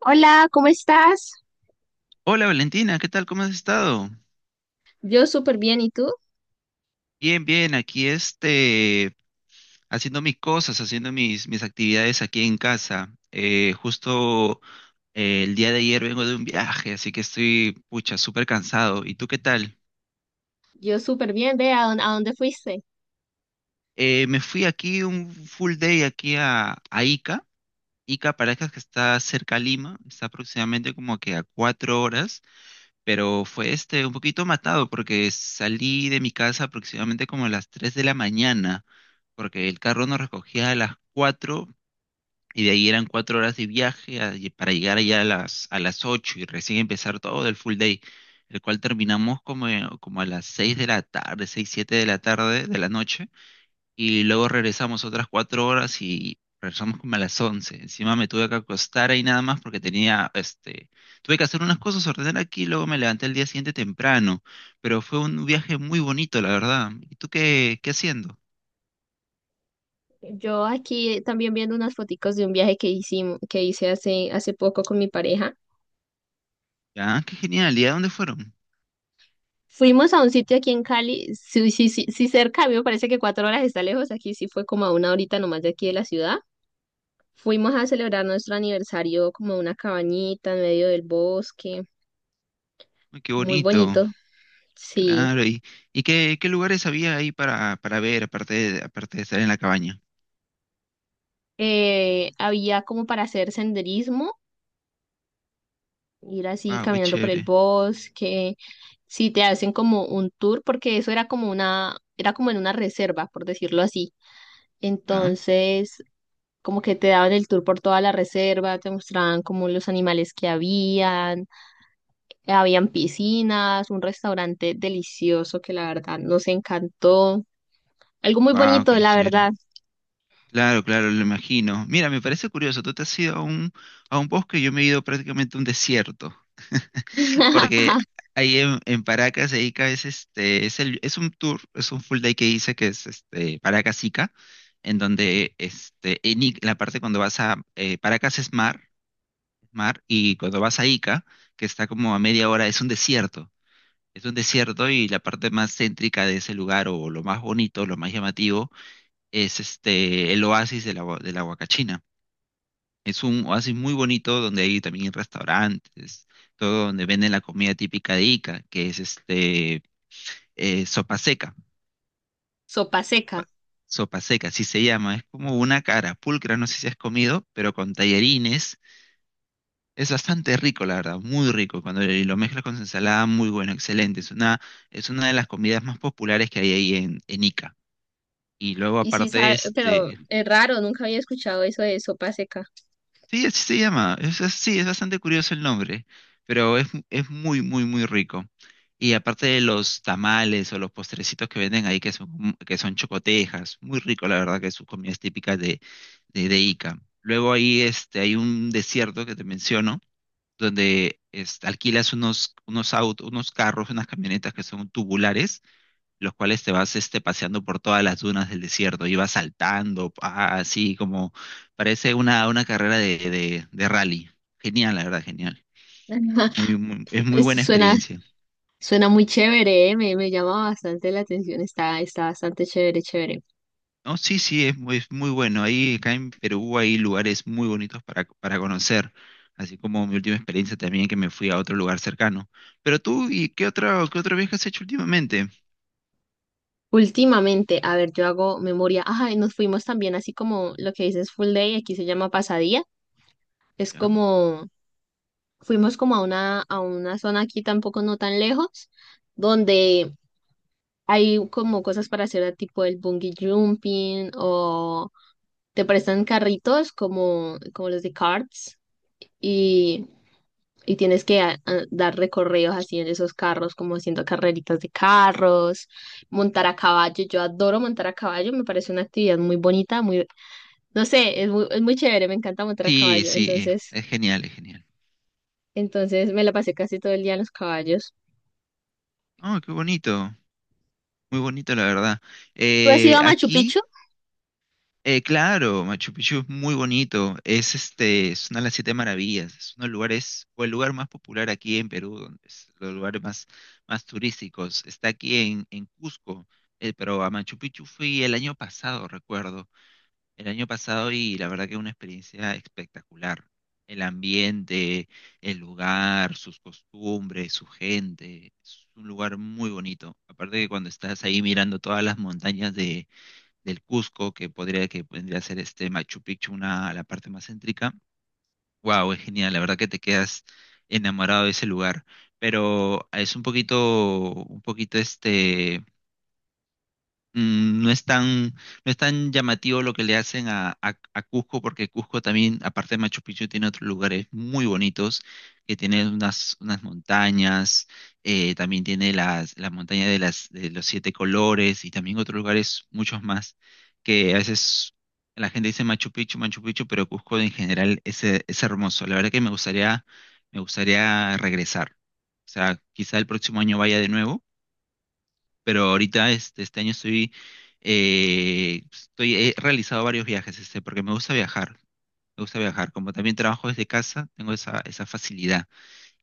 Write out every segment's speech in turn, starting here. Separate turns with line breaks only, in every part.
Hola, ¿cómo estás?
Hola Valentina, ¿qué tal? ¿Cómo has estado?
Yo súper bien, ¿y tú?
Bien, bien, aquí haciendo mis cosas, haciendo mis actividades aquí en casa. Justo el día de ayer vengo de un viaje, así que estoy, pucha, súper cansado. ¿Y tú qué tal?
Yo súper bien, ve a dónde fuiste.
Me fui aquí un full day aquí a Ica. Ica, Paracas, que está cerca a Lima, está aproximadamente como que a 4 horas. Pero fue un poquito matado porque salí de mi casa aproximadamente como a las 3 de la mañana, porque el carro nos recogía a las 4 y de ahí eran 4 horas de viaje y para llegar allá a a las 8 y recién empezar todo el full day, el cual terminamos como a las 6 de la tarde, 6 7 de la tarde de la noche y luego regresamos otras 4 horas y regresamos como a las 11. Encima me tuve que acostar ahí nada más porque tenía, tuve que hacer unas cosas, ordenar aquí, y luego me levanté el día siguiente temprano, pero fue un viaje muy bonito, la verdad. ¿Y tú qué haciendo?
Yo aquí también viendo unas foticos de un viaje que hicimos, que hice hace poco con mi pareja.
Ah, qué genial, ¿y a dónde fueron?
Fuimos a un sitio aquí en Cali, sí, sí, sí, sí cerca. A mí me parece que cuatro horas está lejos, aquí sí fue como a una horita nomás de aquí de la ciudad. Fuimos a celebrar nuestro aniversario como a una cabañita en medio del bosque,
Ay, qué
muy
bonito,
bonito, sí.
claro, y qué lugares había ahí para ver, aparte de estar en la cabaña.
Había como para hacer senderismo, ir así
Wow, qué
caminando por el
chévere.
bosque, si te hacen como un tour, porque eso era como una, era como en una reserva, por decirlo así.
¿Ya?
Entonces, como que te daban el tour por toda la reserva, te mostraban como los animales que habían, habían piscinas, un restaurante delicioso que la verdad nos encantó. Algo muy
Wow,
bonito,
qué
la
chévere.
verdad.
Claro, claro, lo imagino. Mira, me parece curioso, tú te has ido a a un bosque y yo me he ido prácticamente a un desierto, porque ahí en Paracas, de Ica, es un tour, es un full day que hice que es Paracas Ica, en donde la parte cuando vas a Paracas es mar, y cuando vas a Ica, que está como a media hora, es un desierto. Es un desierto y la parte más céntrica de ese lugar, o lo más bonito, lo más llamativo, es el oasis de de la Huacachina. Es un oasis muy bonito donde hay también restaurantes, todo donde venden la comida típica de Ica, que es eh, sopa seca,
Sopa seca.
sopa seca, así se llama. Es como una cara pulcra, no sé si has comido, pero con tallarines. Es bastante rico, la verdad, muy rico. Cuando lo mezclas con ensalada, muy bueno, excelente. Es una de las comidas más populares que hay ahí en Ica. Y luego
Y sí
aparte,
sabe, pero es raro, nunca había escuchado eso de sopa seca.
sí, así se llama. Sí, es bastante curioso el nombre, pero es muy, muy, muy rico. Y aparte de los tamales o los postrecitos que venden ahí, que son chocotejas, muy rico, la verdad, que sus comidas típicas de Ica. Luego ahí hay un desierto que te menciono, donde alquilas unos autos, unos carros, unas camionetas que son tubulares los cuales te vas paseando por todas las dunas del desierto y vas saltando, pa, así como parece una carrera de rally. Genial, la verdad, genial. Es muy
Pues,
buena
Suena,
experiencia.
Suena muy chévere, ¿eh? Me llama bastante la atención, está, está bastante chévere, chévere.
No, sí, sí, es muy, bueno. Ahí acá en Perú hay lugares muy bonitos para conocer, así como mi última experiencia también que me fui a otro lugar cercano. Pero tú, ¿y qué otro viaje has hecho últimamente?
Últimamente, a ver, yo hago memoria. Ajá, y nos fuimos también así como lo que dices full day, aquí se llama pasadía. Es
¿Ya?
como, fuimos como a una zona aquí tampoco no tan lejos, donde hay como cosas para hacer tipo el bungee jumping o te prestan carritos como, como los de carts. Y Y tienes que dar recorridos así en esos carros, como haciendo carreritas de carros, montar a caballo. Yo adoro montar a caballo, me parece una actividad muy bonita, muy, no sé, es muy chévere, me encanta montar a
Sí,
caballo.
sí,
Entonces,
es genial, es genial.
entonces me la pasé casi todo el día en los caballos.
Oh, qué bonito, muy bonito la verdad.
¿Tú has ido a Machu Picchu?
Aquí. Claro, Machu Picchu es muy bonito. Es una de las siete maravillas. Es uno de los lugares, o el lugar más popular aquí en Perú, donde es los lugares más turísticos. Está aquí en Cusco, pero a Machu Picchu fui el año pasado, recuerdo. El año pasado y la verdad que una experiencia espectacular. El ambiente, el lugar, sus costumbres, su gente. Es un lugar muy bonito. Aparte que cuando estás ahí mirando todas las montañas del Cusco, que podría ser este Machu Picchu, una, la parte más céntrica. Wow, es genial, la verdad que te quedas enamorado de ese lugar. Pero es un poquito no es tan, llamativo lo que le hacen a Cusco, porque Cusco también, aparte de Machu Picchu, tiene otros lugares muy bonitos, que tiene unas montañas, también tiene la montaña de los siete colores y también otros lugares, muchos más, que a veces la gente dice Machu Picchu, Machu Picchu, pero Cusco en general es hermoso. La verdad que me gustaría regresar. O sea, quizá el próximo año vaya de nuevo, pero ahorita este año estoy, he realizado varios viajes, porque me gusta viajar, como también trabajo desde casa, tengo esa facilidad.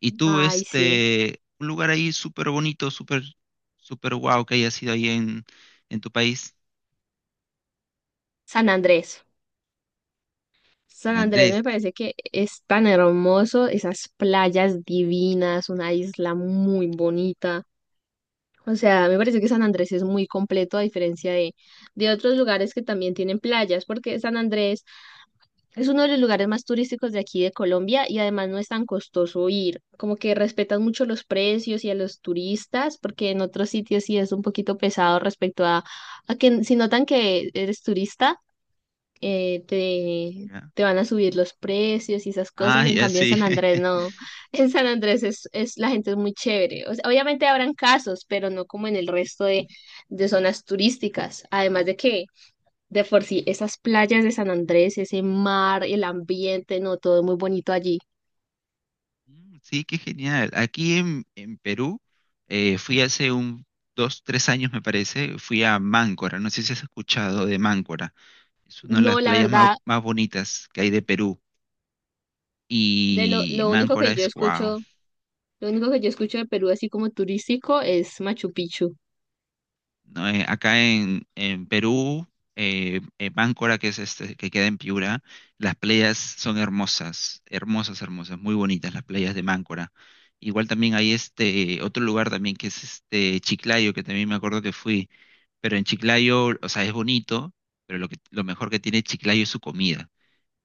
Y tú,
Ay, sí.
un lugar ahí súper bonito, súper, súper guau que hayas ido ahí en tu país,
San Andrés. San
San
Andrés
Andrés,
me parece que es tan hermoso, esas playas divinas, una isla muy bonita. O sea, me parece que San Andrés es muy completo a diferencia de otros lugares que también tienen playas, porque San Andrés es uno de los lugares más turísticos de aquí de Colombia y además no es tan costoso ir. Como que respetan mucho los precios y a los turistas, porque en otros sitios sí es un poquito pesado respecto a que si notan que eres turista, te,
¿ya?
te van a subir los precios y esas cosas.
Ah,
En
ya
cambio, en
sí.
San Andrés no. En San Andrés es, la gente es muy chévere. O sea, obviamente habrán casos, pero no como en el resto de zonas turísticas. Además de que, de por sí, esas playas de San Andrés, ese mar, el ambiente, no, todo es muy bonito allí.
Mm, sí, qué genial. Aquí en Perú fui hace un dos, tres años me parece, fui a Máncora, no sé si has escuchado de Máncora. Es una de las
No, la
playas más,
verdad,
más bonitas que hay de Perú.
de
Y
lo único
Máncora
que yo
es wow.
escucho, lo único que yo escucho de Perú así como turístico es Machu Picchu.
No, acá en Perú, Máncora, que es que queda en Piura, las playas son hermosas, hermosas, hermosas, muy bonitas las playas de Máncora. Igual también hay otro lugar también que es Chiclayo, que también me acuerdo que fui, pero en Chiclayo, o sea, es bonito, pero lo mejor que tiene Chiclayo es su comida.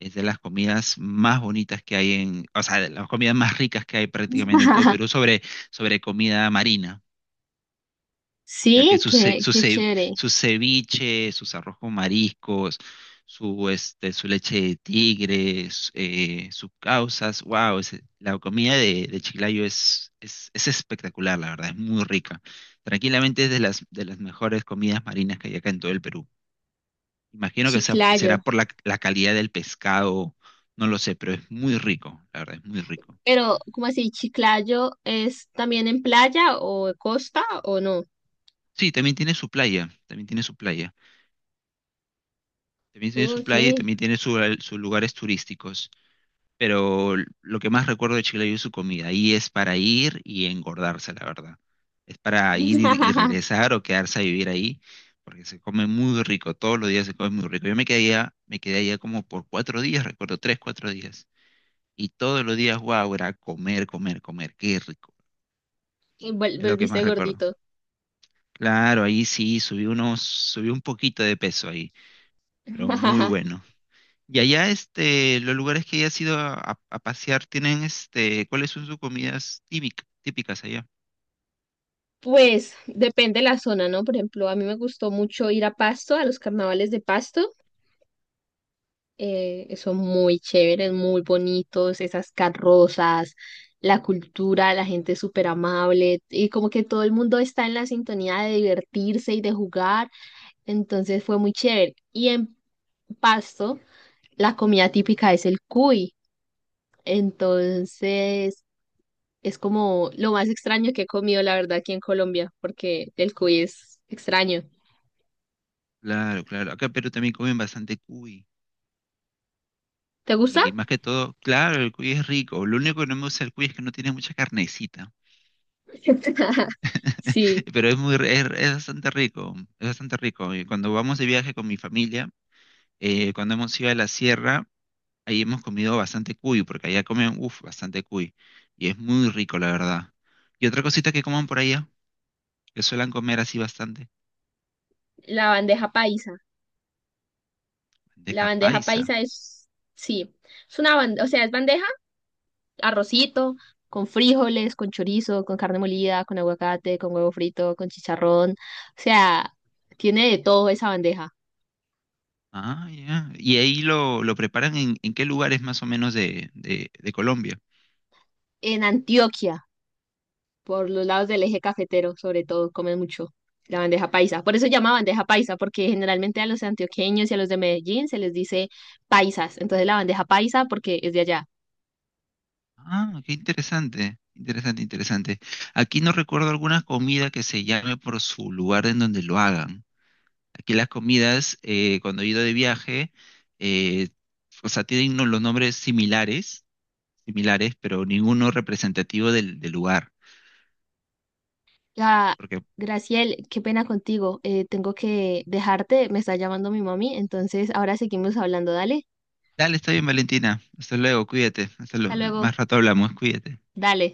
Es de las comidas más bonitas que hay o sea, de las comidas más ricas que hay prácticamente en todo Perú sobre comida marina, ya que
Sí, qué, qué chévere.
su ceviche, sus arroz con mariscos, su leche de tigre, sus causas, wow, la comida de Chiclayo es espectacular, la verdad, es muy rica. Tranquilamente es de de las mejores comidas marinas que hay acá en todo el Perú.
Chiclayo.
Será por la calidad del pescado, no lo sé, pero es muy rico, la verdad, es muy rico.
Pero, ¿cómo así? ¿Chiclayo es también en playa o costa o no?
Sí, también tiene su playa, también tiene su playa, también tiene su
Ok.
playa y también tiene sus lugares turísticos, pero lo que más recuerdo de Chile es su comida, y es para ir y engordarse, la verdad. Es para ir y regresar o quedarse a vivir ahí, porque se come muy rico, todos los días se come muy rico. Yo me quedé allá como por 4 días, recuerdo, tres, cuatro días. Y todos los días, guau, era comer, comer, comer. Qué rico.
Y
Es lo que más
Volviste
recuerdo.
gordito.
Claro, ahí sí, subí un poquito de peso ahí, pero muy bueno. Y allá, los lugares que hayas ido a pasear tienen, ¿cuáles son sus comidas típicas allá?
Pues depende de la zona, ¿no? Por ejemplo, a mí me gustó mucho ir a Pasto, a los carnavales de Pasto. Son muy chéveres, muy bonitos, esas carrozas, la cultura, la gente es súper amable y como que todo el mundo está en la sintonía de divertirse y de jugar. Entonces fue muy chévere. Y en Pasto, la comida típica es el cuy. Entonces, es como lo más extraño que he comido, la verdad, aquí en Colombia, porque el cuy es extraño.
Claro, claro. Acá en Perú también comen bastante cuy.
¿Te gusta?
Y más que todo, claro, el cuy es rico. Lo único que no me gusta del cuy es que no tiene mucha carnecita.
Sí,
Pero es es bastante rico, es bastante rico. Y cuando vamos de viaje con mi familia, cuando hemos ido a la sierra, ahí hemos comido bastante cuy, porque allá comen, uff, bastante cuy. Y es muy rico, la verdad. Y otra cosita que coman por allá, que suelen comer así bastante,
la bandeja paisa. La
bandeja
bandeja
paisa.
paisa es, sí, es una bandeja, o sea, es bandeja, arrocito, con frijoles, con chorizo, con carne molida, con aguacate, con huevo frito, con chicharrón. O sea, tiene de todo esa bandeja.
Ah, ya. Y ahí lo preparan en qué lugares más o menos de Colombia.
En Antioquia, por los lados del eje cafetero, sobre todo, comen mucho la bandeja paisa. Por eso se llama bandeja paisa, porque generalmente a los antioqueños y a los de Medellín se les dice paisas. Entonces la bandeja paisa porque es de allá.
Ah, qué interesante, interesante, interesante. Aquí no recuerdo alguna comida que se llame por su lugar en donde lo hagan. Aquí las comidas, cuando he ido de viaje, eh, o sea, tienen los nombres similares pero ninguno representativo del lugar.
La
Porque,
Graciel, qué pena contigo. Tengo que dejarte, me está llamando mi mami, entonces ahora seguimos hablando. Dale,
dale, está bien, Valentina. Hasta luego, cuídate.
hasta
Más
luego.
rato hablamos, cuídate.
Dale.